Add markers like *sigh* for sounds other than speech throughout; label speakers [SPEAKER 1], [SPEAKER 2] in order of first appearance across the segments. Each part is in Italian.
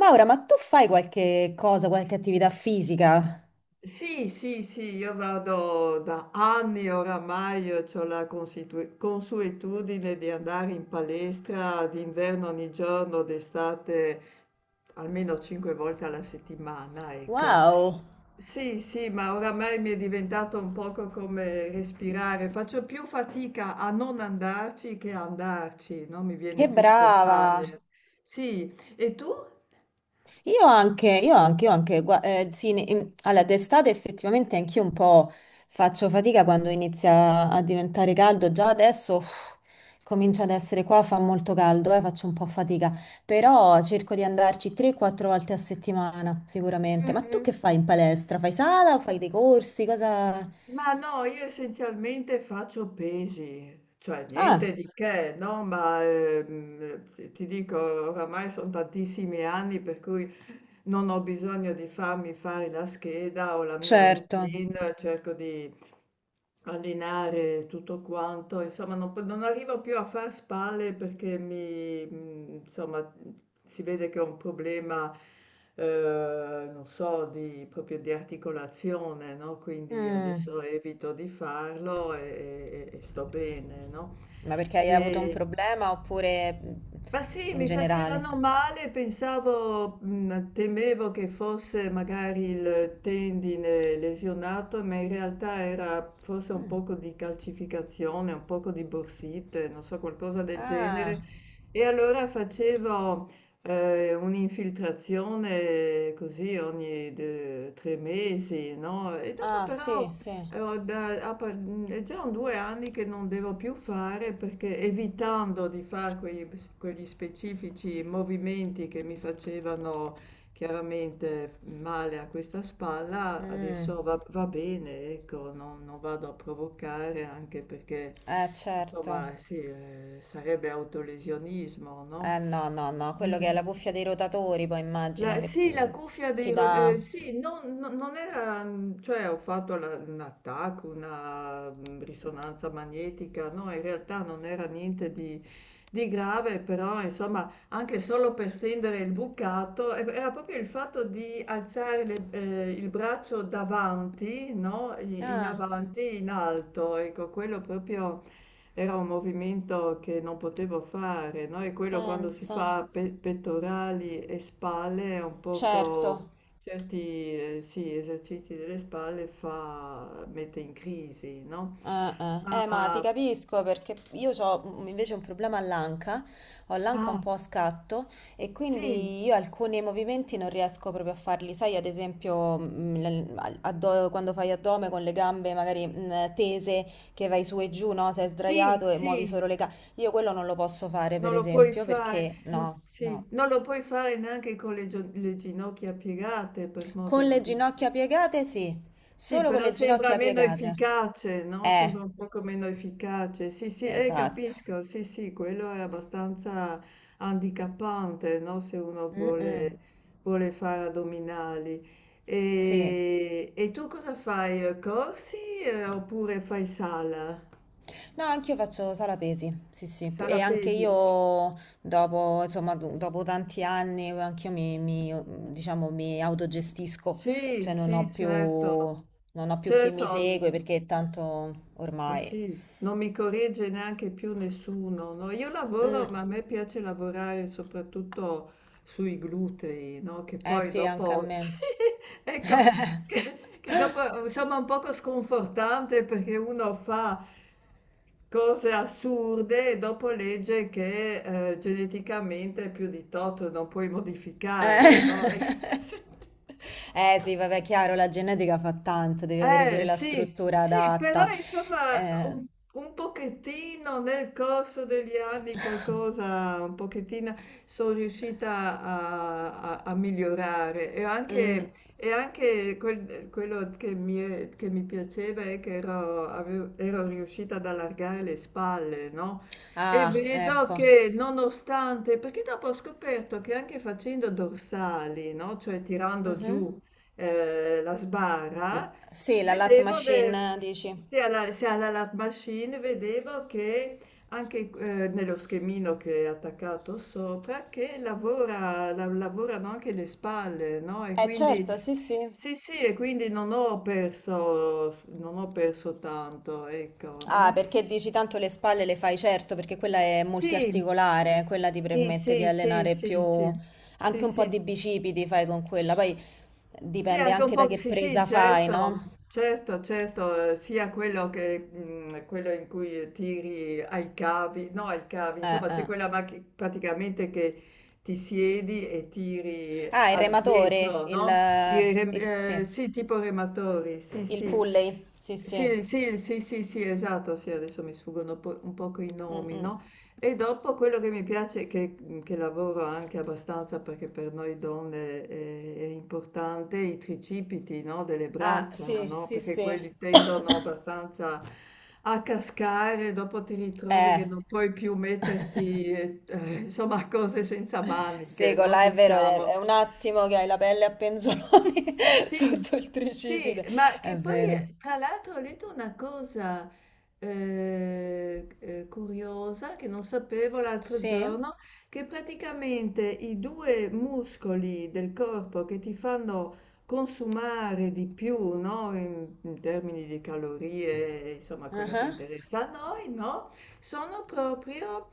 [SPEAKER 1] Maura, ma tu fai qualche cosa, qualche attività fisica?
[SPEAKER 2] Sì, sì, sì, io vado da anni oramai, ho la consuetudine di andare in palestra d'inverno ogni giorno, d'estate almeno 5 volte alla settimana, ecco.
[SPEAKER 1] Wow,
[SPEAKER 2] Sì, sì, ma oramai mi è diventato un poco come respirare. Faccio più fatica a non andarci che a andarci, no? Mi viene
[SPEAKER 1] che
[SPEAKER 2] più
[SPEAKER 1] brava!
[SPEAKER 2] spontaneo. Sì, e tu?
[SPEAKER 1] Io anche, io anche, io anche, sì, allora, d'estate effettivamente anch'io un po' faccio fatica quando inizia a diventare caldo, già adesso uff, comincia ad essere qua, fa molto caldo, faccio un po' fatica, però cerco di andarci 3-4 volte a settimana,
[SPEAKER 2] Mm,
[SPEAKER 1] sicuramente. Ma tu
[SPEAKER 2] mm.
[SPEAKER 1] che fai in palestra? Fai sala o fai dei corsi? Cosa...
[SPEAKER 2] Ma no, io essenzialmente faccio pesi, cioè niente
[SPEAKER 1] Ah,
[SPEAKER 2] di che, no? Ma ti dico, oramai sono tantissimi anni per cui non ho bisogno di farmi fare la scheda o la mia
[SPEAKER 1] certo.
[SPEAKER 2] routine, cerco di allenare tutto quanto, insomma non, non arrivo più a far spalle perché mi, insomma, si vede che ho un problema, non so, di, proprio di articolazione, no? Quindi
[SPEAKER 1] Mm.
[SPEAKER 2] adesso evito di farlo e sto bene, no?
[SPEAKER 1] Ma perché hai avuto un problema oppure
[SPEAKER 2] Ma sì,
[SPEAKER 1] in
[SPEAKER 2] mi
[SPEAKER 1] generale?
[SPEAKER 2] facevano male, pensavo, temevo che fosse magari il tendine lesionato, ma in realtà era forse un
[SPEAKER 1] Mm.
[SPEAKER 2] poco di calcificazione, un poco di borsite, non so, qualcosa del genere.
[SPEAKER 1] Ah,
[SPEAKER 2] E allora facevo un'infiltrazione così ogni 3 mesi, no? E dopo
[SPEAKER 1] ah, sì,
[SPEAKER 2] però
[SPEAKER 1] sì.
[SPEAKER 2] allora, è già un due anni che non devo più fare perché evitando di fare quegli, quegli specifici movimenti che mi facevano chiaramente male a questa spalla,
[SPEAKER 1] Mm.
[SPEAKER 2] adesso va, va bene, ecco, non, non vado a provocare anche perché,
[SPEAKER 1] Certo.
[SPEAKER 2] insomma, sì, sarebbe autolesionismo, no?
[SPEAKER 1] No, no, no, quello che è la
[SPEAKER 2] Mm,
[SPEAKER 1] cuffia dei rotatori, poi immagino
[SPEAKER 2] la
[SPEAKER 1] che
[SPEAKER 2] sì, la cuffia dei
[SPEAKER 1] ti
[SPEAKER 2] ro
[SPEAKER 1] dà...
[SPEAKER 2] sì, non era cioè ho fatto la una TAC, una, risonanza magnetica, no, in realtà non era niente di grave, però insomma anche solo per stendere il bucato, e era proprio il fatto di alzare le il braccio davanti, no, i in
[SPEAKER 1] Ah,
[SPEAKER 2] avanti, in alto, ecco, quello proprio era un movimento che non potevo fare, no? E quello quando si
[SPEAKER 1] pensa.
[SPEAKER 2] fa pettorali e spalle è un poco
[SPEAKER 1] Certo.
[SPEAKER 2] certi sì, esercizi delle spalle fa, mette in crisi, no? Ma
[SPEAKER 1] Ma ti capisco perché io ho invece un problema all'anca, ho l'anca un
[SPEAKER 2] ah,
[SPEAKER 1] po' a scatto e
[SPEAKER 2] sì,
[SPEAKER 1] quindi io alcuni movimenti non riesco proprio a farli, sai, ad esempio quando fai addome con le gambe magari tese che vai su e giù, no? Sei
[SPEAKER 2] sì,
[SPEAKER 1] sdraiato e muovi
[SPEAKER 2] sì,
[SPEAKER 1] solo le gambe, io quello non lo posso fare
[SPEAKER 2] non
[SPEAKER 1] per
[SPEAKER 2] lo puoi
[SPEAKER 1] esempio
[SPEAKER 2] fare,
[SPEAKER 1] perché
[SPEAKER 2] mm,
[SPEAKER 1] no,
[SPEAKER 2] sì,
[SPEAKER 1] no.
[SPEAKER 2] non lo puoi fare neanche con le, le ginocchia piegate, per modo
[SPEAKER 1] Con le
[SPEAKER 2] di dire.
[SPEAKER 1] ginocchia piegate sì,
[SPEAKER 2] Sì,
[SPEAKER 1] solo con
[SPEAKER 2] però
[SPEAKER 1] le
[SPEAKER 2] sembra
[SPEAKER 1] ginocchia
[SPEAKER 2] meno
[SPEAKER 1] piegate.
[SPEAKER 2] efficace, no, sembra
[SPEAKER 1] Eh,
[SPEAKER 2] un poco meno efficace. Sì, sì,
[SPEAKER 1] esatto.
[SPEAKER 2] capisco, sì, sì, quello è abbastanza handicappante, no, se uno
[SPEAKER 1] Mm-mm.
[SPEAKER 2] vuole, vuole fare addominali.
[SPEAKER 1] Sì.
[SPEAKER 2] E tu cosa fai? Eh, corsi, oppure fai sala?
[SPEAKER 1] No, anch'io faccio sala pesi, sì, sì.
[SPEAKER 2] Sala
[SPEAKER 1] E anche
[SPEAKER 2] pesi?
[SPEAKER 1] io dopo, insomma, dopo tanti anni, anch'io diciamo, mi autogestisco,
[SPEAKER 2] Sì,
[SPEAKER 1] cioè non
[SPEAKER 2] sì,
[SPEAKER 1] ho più,
[SPEAKER 2] certo.
[SPEAKER 1] non ho più chi
[SPEAKER 2] Certo,
[SPEAKER 1] mi segue
[SPEAKER 2] mm.
[SPEAKER 1] perché tanto
[SPEAKER 2] Ma
[SPEAKER 1] ormai...
[SPEAKER 2] sì, non mi corregge neanche più nessuno, no? Io
[SPEAKER 1] Mm,
[SPEAKER 2] lavoro, ma a me piace lavorare soprattutto sui glutei, no? Che
[SPEAKER 1] eh
[SPEAKER 2] poi
[SPEAKER 1] sì, anche a
[SPEAKER 2] dopo, *laughs* sì,
[SPEAKER 1] me.
[SPEAKER 2] ecco,
[SPEAKER 1] *laughs*
[SPEAKER 2] che dopo insomma è un poco sconfortante perché uno fa cose assurde e dopo legge che geneticamente più di tot non puoi modificare, no? *laughs*
[SPEAKER 1] Eh.
[SPEAKER 2] Ecco, sì.
[SPEAKER 1] Sì, vabbè, chiaro, la genetica fa tanto, devi avere
[SPEAKER 2] Eh
[SPEAKER 1] pure la
[SPEAKER 2] sì,
[SPEAKER 1] struttura
[SPEAKER 2] sì, però
[SPEAKER 1] adatta.
[SPEAKER 2] insomma
[SPEAKER 1] Eh,
[SPEAKER 2] un pochettino nel corso degli anni qualcosa, un pochettino sono riuscita a migliorare e
[SPEAKER 1] mm,
[SPEAKER 2] anche, e anche quel- quello che mi, che mi piaceva è che ero riuscita ad allargare le spalle, no? E
[SPEAKER 1] ah,
[SPEAKER 2] vedo
[SPEAKER 1] ecco.
[SPEAKER 2] che nonostante, perché dopo ho scoperto che anche facendo dorsali, no? Cioè tirando
[SPEAKER 1] Mhm.
[SPEAKER 2] giù la
[SPEAKER 1] L-
[SPEAKER 2] sbarra.
[SPEAKER 1] Sì, la lat
[SPEAKER 2] Vedevo, beh,
[SPEAKER 1] machine, dici?
[SPEAKER 2] se alla Lab Machine, vedevo che anche nello schemino che è attaccato sopra, che lavorano anche le spalle, no? E
[SPEAKER 1] Eh
[SPEAKER 2] quindi,
[SPEAKER 1] certo, sì, sì.
[SPEAKER 2] sì, sì, e quindi non ho perso, non ho perso tanto, ecco,
[SPEAKER 1] Ah,
[SPEAKER 2] no?
[SPEAKER 1] perché dici tanto le spalle le fai, certo, perché quella è
[SPEAKER 2] Sì,
[SPEAKER 1] multiarticolare, quella ti
[SPEAKER 2] sì,
[SPEAKER 1] permette di
[SPEAKER 2] sì, sì,
[SPEAKER 1] allenare
[SPEAKER 2] sì,
[SPEAKER 1] più,
[SPEAKER 2] sì, sì,
[SPEAKER 1] anche un po'
[SPEAKER 2] sì.
[SPEAKER 1] di bicipiti fai con quella, poi
[SPEAKER 2] Sì,
[SPEAKER 1] dipende
[SPEAKER 2] anche un
[SPEAKER 1] anche da
[SPEAKER 2] po',
[SPEAKER 1] che
[SPEAKER 2] sì, sì,
[SPEAKER 1] presa fai,
[SPEAKER 2] certo,
[SPEAKER 1] no?
[SPEAKER 2] certo, certo, sia quello che quello in cui tiri ai cavi, no, ai cavi, insomma, c'è
[SPEAKER 1] Eh.
[SPEAKER 2] quella macchina praticamente che ti siedi e tiri
[SPEAKER 1] Ah, il rematore,
[SPEAKER 2] all'indietro, no? I rem-
[SPEAKER 1] sì,
[SPEAKER 2] sì, tipo rematori, sì,
[SPEAKER 1] il
[SPEAKER 2] sì.
[SPEAKER 1] pulley, sì, sì.
[SPEAKER 2] Sì, sì, sì, sì, sì, esatto, sì, adesso mi sfuggono un poco i
[SPEAKER 1] Mm,
[SPEAKER 2] nomi,
[SPEAKER 1] mm.
[SPEAKER 2] no? E dopo quello che mi piace, che lavoro anche abbastanza perché per noi donne è importante, i tricipiti, no, delle
[SPEAKER 1] Ah,
[SPEAKER 2] braccia,
[SPEAKER 1] sì,
[SPEAKER 2] no,
[SPEAKER 1] sì,
[SPEAKER 2] perché
[SPEAKER 1] sì.
[SPEAKER 2] quelli tendono abbastanza a cascare, dopo ti ritrovi
[SPEAKER 1] Eh.
[SPEAKER 2] che non puoi più
[SPEAKER 1] *laughs*
[SPEAKER 2] metterti, insomma, cose senza
[SPEAKER 1] Sì,
[SPEAKER 2] maniche,
[SPEAKER 1] con
[SPEAKER 2] no,
[SPEAKER 1] là è vero, è
[SPEAKER 2] diciamo.
[SPEAKER 1] un attimo che hai la pelle a penzoloni *laughs*
[SPEAKER 2] Sì,
[SPEAKER 1] sotto il
[SPEAKER 2] sì,
[SPEAKER 1] tricipite.
[SPEAKER 2] ma
[SPEAKER 1] È
[SPEAKER 2] che poi
[SPEAKER 1] vero.
[SPEAKER 2] tra l'altro ho letto una cosa curiosa che non sapevo l'altro
[SPEAKER 1] Sì?
[SPEAKER 2] giorno, che praticamente i due muscoli del corpo che ti fanno consumare di più, no, in termini di calorie, insomma, quello che
[SPEAKER 1] Ah.
[SPEAKER 2] interessa a noi, no, sono proprio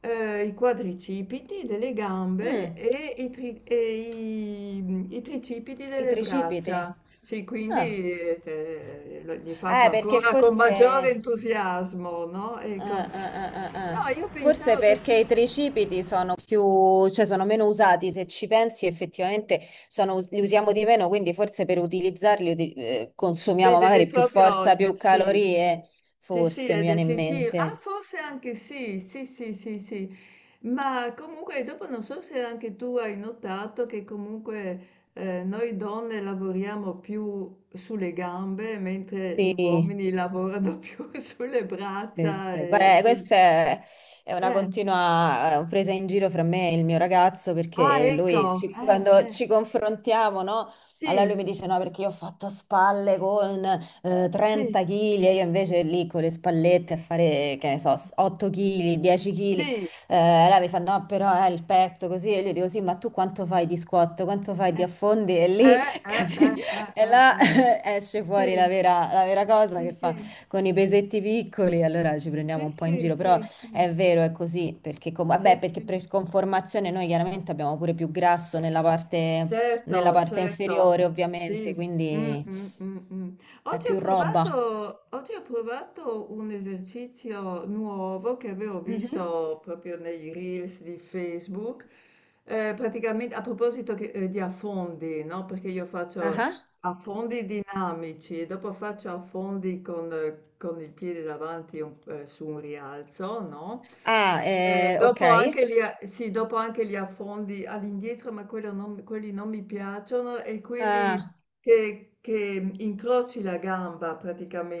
[SPEAKER 2] i quadricipiti delle gambe
[SPEAKER 1] Mm,
[SPEAKER 2] e, i tricipiti
[SPEAKER 1] i
[SPEAKER 2] delle
[SPEAKER 1] tricipiti.
[SPEAKER 2] braccia. Sì,
[SPEAKER 1] Ah.
[SPEAKER 2] quindi li faccio
[SPEAKER 1] Perché
[SPEAKER 2] ancora con maggiore
[SPEAKER 1] forse...
[SPEAKER 2] entusiasmo, no? Ecco.
[SPEAKER 1] ah, ah, ah, ah,
[SPEAKER 2] No,
[SPEAKER 1] ah.
[SPEAKER 2] io
[SPEAKER 1] Forse
[SPEAKER 2] pensavo perché...
[SPEAKER 1] perché i tricipiti sono più, cioè sono meno usati, se ci pensi effettivamente sono- li usiamo di meno, quindi forse per utilizzarli
[SPEAKER 2] Sì,
[SPEAKER 1] consumiamo
[SPEAKER 2] devi
[SPEAKER 1] magari più
[SPEAKER 2] proprio
[SPEAKER 1] forza, più
[SPEAKER 2] sì.
[SPEAKER 1] calorie,
[SPEAKER 2] Sì, sì,
[SPEAKER 1] forse mi viene in
[SPEAKER 2] sì, sì, ah,
[SPEAKER 1] mente.
[SPEAKER 2] forse anche sì, sì, sì, sì, sì, ma comunque dopo non so se anche tu hai notato che comunque noi donne lavoriamo più sulle gambe, mentre gli
[SPEAKER 1] Sì.
[SPEAKER 2] uomini lavorano *laughs* più sulle
[SPEAKER 1] Sì,
[SPEAKER 2] braccia,
[SPEAKER 1] sì.
[SPEAKER 2] e,
[SPEAKER 1] Guarda,
[SPEAKER 2] sì.
[SPEAKER 1] questa è una
[SPEAKER 2] Eh,
[SPEAKER 1] continua presa in giro fra me e il mio ragazzo
[SPEAKER 2] ah,
[SPEAKER 1] perché lui,
[SPEAKER 2] ecco,
[SPEAKER 1] quando ci confrontiamo, no? Allora lui mi
[SPEAKER 2] sì,
[SPEAKER 1] dice no perché io ho fatto spalle con
[SPEAKER 2] sì,
[SPEAKER 1] 30 kg e io invece lì con le spallette a fare, che ne so, 8 kg, 10 kg.
[SPEAKER 2] sì,
[SPEAKER 1] Allora mi fa no però il petto così e io dico sì ma tu quanto fai di squat, quanto fai di
[SPEAKER 2] eh,
[SPEAKER 1] affondi e lì
[SPEAKER 2] eh,
[SPEAKER 1] *laughs*
[SPEAKER 2] eh, eh,
[SPEAKER 1] capi?
[SPEAKER 2] eh,
[SPEAKER 1] E
[SPEAKER 2] eh,
[SPEAKER 1] là
[SPEAKER 2] eh,
[SPEAKER 1] *laughs* esce fuori
[SPEAKER 2] sì.
[SPEAKER 1] la vera cosa
[SPEAKER 2] Sì,
[SPEAKER 1] che fa
[SPEAKER 2] sì,
[SPEAKER 1] con i pesetti piccoli, allora ci prendiamo
[SPEAKER 2] sì,
[SPEAKER 1] un po' in
[SPEAKER 2] sì,
[SPEAKER 1] giro, però
[SPEAKER 2] sì, sì,
[SPEAKER 1] è vero, è così, perché,
[SPEAKER 2] sì,
[SPEAKER 1] vabbè, perché
[SPEAKER 2] sì.
[SPEAKER 1] per conformazione noi chiaramente abbiamo pure più grasso nella
[SPEAKER 2] Certo,
[SPEAKER 1] parte
[SPEAKER 2] certo,
[SPEAKER 1] inferiore, ovviamente,
[SPEAKER 2] sì. Mm,
[SPEAKER 1] quindi
[SPEAKER 2] mm, mm, mm.
[SPEAKER 1] c'è più roba.
[SPEAKER 2] Oggi ho provato un esercizio nuovo che avevo
[SPEAKER 1] Mhm.
[SPEAKER 2] visto proprio nei reels di Facebook, praticamente a proposito di affondi, no? Perché io
[SPEAKER 1] Ah,
[SPEAKER 2] faccio
[SPEAKER 1] ah.
[SPEAKER 2] affondi dinamici e dopo faccio affondi con il piede davanti su un rialzo, no?
[SPEAKER 1] Ah, ok.
[SPEAKER 2] Dopo anche li a sì, dopo anche li affondi all'indietro, ma quello non quelli non mi piacciono e quelli
[SPEAKER 1] Ah,
[SPEAKER 2] che incroci la gamba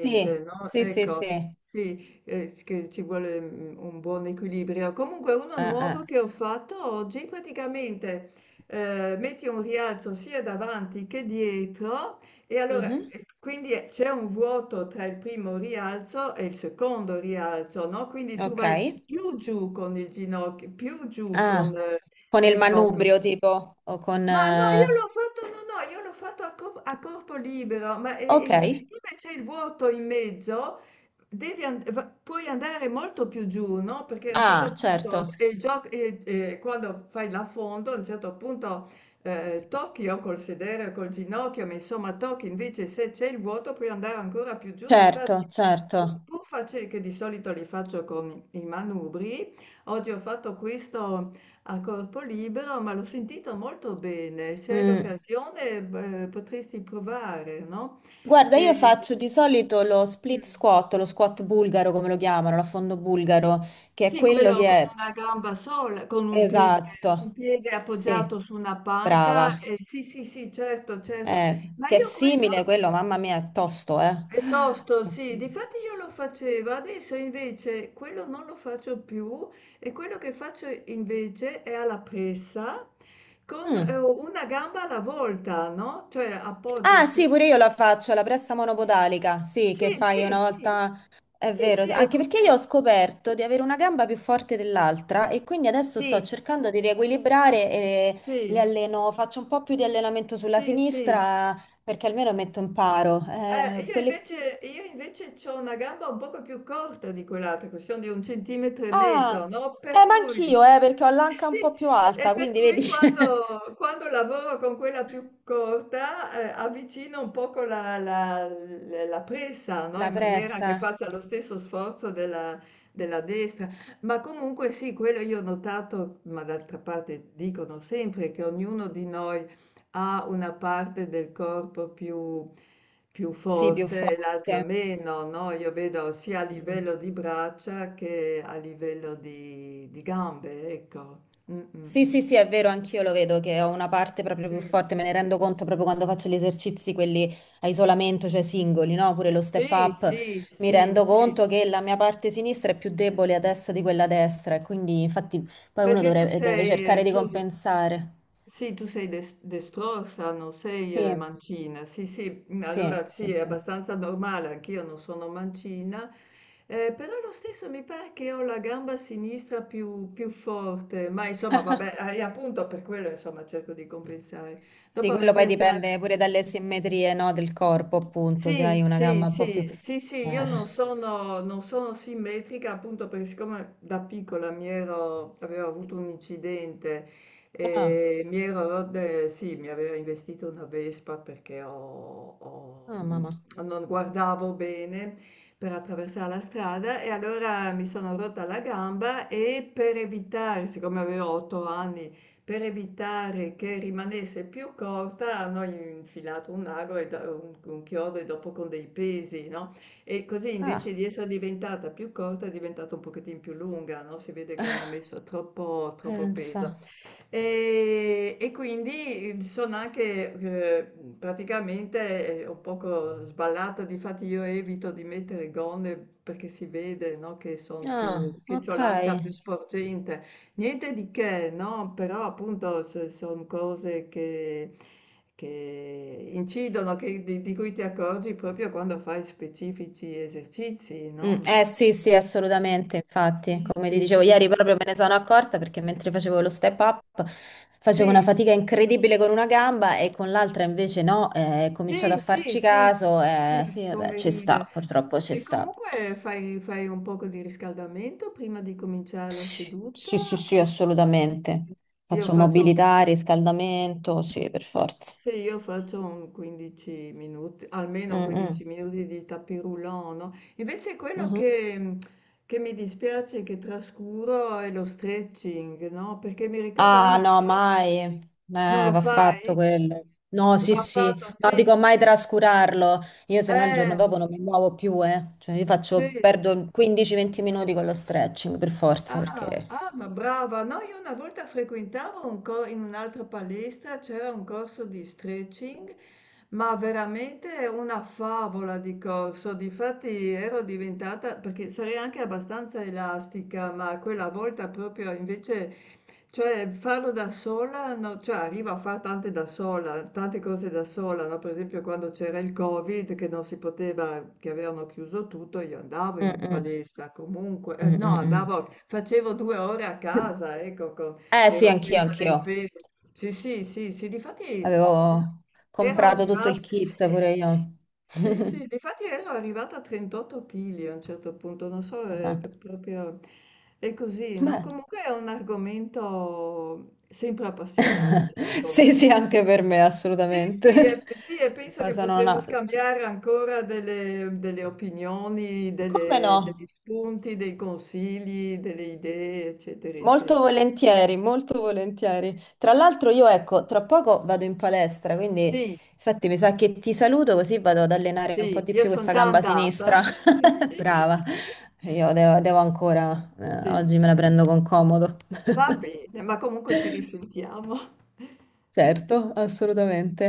[SPEAKER 1] sì,
[SPEAKER 2] no,
[SPEAKER 1] sì, sì,
[SPEAKER 2] ecco,
[SPEAKER 1] sì.
[SPEAKER 2] sì, s che ci vuole, un buon equilibrio. Comunque uno
[SPEAKER 1] Ah,
[SPEAKER 2] nuovo
[SPEAKER 1] ah.
[SPEAKER 2] che ho fatto oggi, praticamente, metti un rialzo sia davanti che dietro e allora,
[SPEAKER 1] Mhm.
[SPEAKER 2] e quindi c'è un vuoto tra il primo rialzo e il secondo rialzo, no? Quindi tu
[SPEAKER 1] Ok.
[SPEAKER 2] vai più giù con il ginocchio, più giù con,
[SPEAKER 1] Ah, con il
[SPEAKER 2] ecco,
[SPEAKER 1] manubrio tipo, o con...
[SPEAKER 2] ma no, io l'ho fatto, no, no, io l'ho fatto a corpo libero, ma
[SPEAKER 1] Ok.
[SPEAKER 2] e siccome c'è il vuoto in mezzo, puoi andare molto più giù, no? Perché a un certo
[SPEAKER 1] Ah,
[SPEAKER 2] punto,
[SPEAKER 1] certo,
[SPEAKER 2] e il gioco, e quando fai l'affondo, a un certo punto tocchi o col sedere o col ginocchio, ma insomma tocchi, invece se c'è il vuoto puoi andare ancora più giù, difatti...
[SPEAKER 1] certo,
[SPEAKER 2] Pur
[SPEAKER 1] certo.
[SPEAKER 2] pur face- che di solito li faccio con i manubri, oggi ho fatto questo a corpo libero, ma l'ho sentito molto bene. Se hai
[SPEAKER 1] Mm.
[SPEAKER 2] l'occasione, beh, potresti provare, no?
[SPEAKER 1] Guarda, io
[SPEAKER 2] E-
[SPEAKER 1] faccio di solito lo split
[SPEAKER 2] Mm.
[SPEAKER 1] squat, lo squat bulgaro come lo chiamano, l'affondo bulgaro, che è
[SPEAKER 2] Sì,
[SPEAKER 1] quello
[SPEAKER 2] quello
[SPEAKER 1] che
[SPEAKER 2] con
[SPEAKER 1] è...
[SPEAKER 2] una gamba sola, con un piede, un
[SPEAKER 1] Esatto,
[SPEAKER 2] piede
[SPEAKER 1] sì,
[SPEAKER 2] appoggiato su una panca.
[SPEAKER 1] brava.
[SPEAKER 2] Eh, sì, sì, sì, certo, certo. Ma
[SPEAKER 1] Che è
[SPEAKER 2] io quello
[SPEAKER 1] simile a quello, mamma mia, è tosto, eh.
[SPEAKER 2] piuttosto, sì, difatti io lo facevo, adesso invece quello non lo faccio più e quello che faccio invece è alla pressa con
[SPEAKER 1] Mm.
[SPEAKER 2] una gamba alla volta, no? Cioè appoggio
[SPEAKER 1] Ah,
[SPEAKER 2] il
[SPEAKER 1] sì,
[SPEAKER 2] piede.
[SPEAKER 1] pure io la faccio, la pressa monopodalica, sì,
[SPEAKER 2] Sì,
[SPEAKER 1] che fai
[SPEAKER 2] sì,
[SPEAKER 1] una
[SPEAKER 2] sì,
[SPEAKER 1] volta, è
[SPEAKER 2] sì,
[SPEAKER 1] vero,
[SPEAKER 2] sì,
[SPEAKER 1] sì. Anche perché io ho scoperto di avere una gamba più forte dell'altra e quindi adesso sto
[SPEAKER 2] sì,
[SPEAKER 1] cercando di riequilibrare e le
[SPEAKER 2] sì,
[SPEAKER 1] alleno, faccio un po' più di allenamento sulla
[SPEAKER 2] sì, sì.
[SPEAKER 1] sinistra perché almeno metto in paro.
[SPEAKER 2] Io
[SPEAKER 1] Quelli...
[SPEAKER 2] invece, io invece ho una gamba un poco più corta di quell'altra, che sono di un centimetro e mezzo,
[SPEAKER 1] Ah,
[SPEAKER 2] no? Per
[SPEAKER 1] ma
[SPEAKER 2] cui,
[SPEAKER 1] anch'io, perché ho l'anca un po'
[SPEAKER 2] *laughs*
[SPEAKER 1] più
[SPEAKER 2] e
[SPEAKER 1] alta,
[SPEAKER 2] per
[SPEAKER 1] quindi
[SPEAKER 2] cui
[SPEAKER 1] vedi *laughs*
[SPEAKER 2] quando, quando lavoro con quella più corta, avvicino un poco la presa, no?
[SPEAKER 1] la
[SPEAKER 2] In maniera che
[SPEAKER 1] pressa,
[SPEAKER 2] faccia lo stesso sforzo della, della destra. Ma comunque sì, quello io ho notato, ma d'altra parte dicono sempre che ognuno di noi ha una parte del corpo più, più
[SPEAKER 1] sì, più
[SPEAKER 2] forte e l'altra
[SPEAKER 1] forte.
[SPEAKER 2] meno, no? Io vedo sia a livello di braccia che a livello di gambe, ecco. Mm, mm,
[SPEAKER 1] Sì,
[SPEAKER 2] mm.
[SPEAKER 1] sì, sì, è vero, anch'io lo vedo che ho una parte proprio più forte, me ne rendo conto proprio quando faccio gli esercizi, quelli a isolamento, cioè singoli, no? Pure lo step
[SPEAKER 2] Sì,
[SPEAKER 1] up,
[SPEAKER 2] sì,
[SPEAKER 1] mi
[SPEAKER 2] sì,
[SPEAKER 1] rendo
[SPEAKER 2] sì, sì.
[SPEAKER 1] conto che la mia parte sinistra è più debole adesso di quella destra e quindi infatti poi uno
[SPEAKER 2] Perché tu
[SPEAKER 1] dovrebbe, deve
[SPEAKER 2] sei,
[SPEAKER 1] cercare di
[SPEAKER 2] tu,
[SPEAKER 1] compensare.
[SPEAKER 2] sì, tu sei destrorsa, non sei
[SPEAKER 1] Sì,
[SPEAKER 2] mancina. Sì, sì, mm,
[SPEAKER 1] sì,
[SPEAKER 2] allora
[SPEAKER 1] sì,
[SPEAKER 2] sì, è
[SPEAKER 1] sì.
[SPEAKER 2] abbastanza normale, anch'io non sono mancina, però lo stesso mi pare che ho la gamba sinistra più, più forte, ma insomma, vabbè, appunto per quello, insomma, cerco di compensare.
[SPEAKER 1] Sì,
[SPEAKER 2] Dopo mi
[SPEAKER 1] quello poi
[SPEAKER 2] piace anche...
[SPEAKER 1] dipende pure dalle simmetrie, no, del corpo, appunto, se
[SPEAKER 2] Sì,
[SPEAKER 1] hai una
[SPEAKER 2] sì,
[SPEAKER 1] gamba un po' più...
[SPEAKER 2] sì, sì, sì, io non
[SPEAKER 1] Eh.
[SPEAKER 2] sono, non sono simmetrica appunto perché siccome da piccola mi ero, avevo avuto un incidente
[SPEAKER 1] Ah,
[SPEAKER 2] e sì, mi aveva investito una Vespa perché ho,
[SPEAKER 1] ah, mamma.
[SPEAKER 2] non guardavo bene per attraversare la strada e allora mi sono rotta la gamba e per evitare, siccome avevo 8 anni, per evitare che rimanesse più corta hanno infilato un ago e da un chiodo e dopo con dei pesi, no, e così invece
[SPEAKER 1] Ah,
[SPEAKER 2] di essere diventata più corta è diventata un pochettin più lunga, no, si vede che hanno
[SPEAKER 1] *laughs*
[SPEAKER 2] messo troppo troppo
[SPEAKER 1] pensa.
[SPEAKER 2] peso. E quindi sono anche, praticamente, un poco sballata, difatti io evito di mettere gonne perché si vede, no, che son più
[SPEAKER 1] Ah,
[SPEAKER 2] che c'ho
[SPEAKER 1] ok.
[SPEAKER 2] l'anca più sporgente. Niente di che, no? Però appunto sono cose che incidono, di cui ti accorgi proprio quando fai specifici esercizi, no?
[SPEAKER 1] Eh sì, sì, assolutamente, infatti,
[SPEAKER 2] Sì,
[SPEAKER 1] come ti
[SPEAKER 2] sì,
[SPEAKER 1] dicevo
[SPEAKER 2] sì,
[SPEAKER 1] ieri proprio me ne sono accorta perché mentre facevo lo step up facevo una
[SPEAKER 2] sì,
[SPEAKER 1] fatica incredibile con una gamba e con l'altra invece no, ho cominciato a
[SPEAKER 2] sì, sì,
[SPEAKER 1] farci
[SPEAKER 2] sì,
[SPEAKER 1] caso
[SPEAKER 2] sì,
[SPEAKER 1] e sì, vabbè,
[SPEAKER 2] come
[SPEAKER 1] ci
[SPEAKER 2] ridere.
[SPEAKER 1] sta, purtroppo ci
[SPEAKER 2] E
[SPEAKER 1] sta.
[SPEAKER 2] comunque fai, fai un poco di riscaldamento prima di cominciare la
[SPEAKER 1] Sì,
[SPEAKER 2] seduta?
[SPEAKER 1] sì, sì, sì,
[SPEAKER 2] o- Sì,
[SPEAKER 1] assolutamente.
[SPEAKER 2] sì. Io
[SPEAKER 1] Faccio
[SPEAKER 2] faccio un
[SPEAKER 1] mobilità, riscaldamento, sì, per forza.
[SPEAKER 2] Se io faccio un 15 minuti,
[SPEAKER 1] Mm,
[SPEAKER 2] almeno
[SPEAKER 1] mm,
[SPEAKER 2] 15 minuti di tapis roulant, no? Invece quello
[SPEAKER 1] mhm.
[SPEAKER 2] che, che mi dispiace, che trascuro, è lo stretching, no? Perché mi ricordo
[SPEAKER 1] Ah,
[SPEAKER 2] anni
[SPEAKER 1] no,
[SPEAKER 2] fa,
[SPEAKER 1] mai.
[SPEAKER 2] non lo
[SPEAKER 1] Va
[SPEAKER 2] fai?
[SPEAKER 1] fatto quello. No, sì,
[SPEAKER 2] Va
[SPEAKER 1] sì.
[SPEAKER 2] fatto,
[SPEAKER 1] No,
[SPEAKER 2] sì.
[SPEAKER 1] dico mai trascurarlo. Io se no il
[SPEAKER 2] Eh,
[SPEAKER 1] giorno dopo non mi muovo più, eh. Cioè, io
[SPEAKER 2] sì,
[SPEAKER 1] faccio, perdo 15-20 minuti con lo stretching, per forza,
[SPEAKER 2] ah,
[SPEAKER 1] perché...
[SPEAKER 2] ah, ma brava! No, io una volta frequentavo in un'altra palestra, c'era un corso di stretching, ma veramente una favola di corso. Difatti ero diventata, perché sarei anche abbastanza elastica, ma quella volta proprio invece cioè farlo da sola no, cioè arrivo a far tante da sola, tante cose da sola, no, per esempio quando c'era il Covid che non si poteva, che avevano chiuso tutto, io andavo
[SPEAKER 1] Mm,
[SPEAKER 2] in
[SPEAKER 1] mm,
[SPEAKER 2] palestra comunque,
[SPEAKER 1] mm,
[SPEAKER 2] no,
[SPEAKER 1] mm, mm.
[SPEAKER 2] andavo, facevo 2 ore a
[SPEAKER 1] *laughs*
[SPEAKER 2] casa, ecco, mi
[SPEAKER 1] Sì,
[SPEAKER 2] ero
[SPEAKER 1] anch'io,
[SPEAKER 2] presa dei
[SPEAKER 1] anch'io.
[SPEAKER 2] pesi. Sì, sì, sì, sì, difatti
[SPEAKER 1] Avevo
[SPEAKER 2] ero
[SPEAKER 1] comprato tutto
[SPEAKER 2] arrivata,
[SPEAKER 1] il
[SPEAKER 2] *laughs* sì.
[SPEAKER 1] kit, pure io.
[SPEAKER 2] Sì,
[SPEAKER 1] *laughs*
[SPEAKER 2] sì, difatti ero arrivata a 38 kg a un certo punto, non so, è
[SPEAKER 1] Vabbè.
[SPEAKER 2] proprio è così, no?
[SPEAKER 1] Beh,
[SPEAKER 2] Comunque è un argomento sempre appassionante, secondo
[SPEAKER 1] sì, sì,
[SPEAKER 2] me.
[SPEAKER 1] anche per me,
[SPEAKER 2] Sì, sì, e,
[SPEAKER 1] assolutamente.
[SPEAKER 2] sì, e
[SPEAKER 1] *laughs*
[SPEAKER 2] penso
[SPEAKER 1] Poi
[SPEAKER 2] che
[SPEAKER 1] sono
[SPEAKER 2] potremmo
[SPEAKER 1] una...
[SPEAKER 2] scambiare ancora delle, delle opinioni,
[SPEAKER 1] Come
[SPEAKER 2] degli
[SPEAKER 1] no?
[SPEAKER 2] spunti, dei consigli, delle idee, eccetera,
[SPEAKER 1] Molto
[SPEAKER 2] eccetera.
[SPEAKER 1] volentieri, molto volentieri. Tra l'altro io ecco, tra poco vado in palestra, quindi
[SPEAKER 2] Sì,
[SPEAKER 1] infatti mi sa che ti saluto così vado ad allenare un po'
[SPEAKER 2] sì,
[SPEAKER 1] di
[SPEAKER 2] io
[SPEAKER 1] più
[SPEAKER 2] sono
[SPEAKER 1] questa
[SPEAKER 2] già
[SPEAKER 1] gamba
[SPEAKER 2] andata,
[SPEAKER 1] sinistra.
[SPEAKER 2] *laughs* sì.
[SPEAKER 1] *laughs* Brava, io devo, devo ancora,
[SPEAKER 2] Sì.
[SPEAKER 1] oggi me la prendo con comodo.
[SPEAKER 2] Va
[SPEAKER 1] *laughs*
[SPEAKER 2] bene, ma comunque ci risentiamo. *laughs*
[SPEAKER 1] Certo, assolutamente.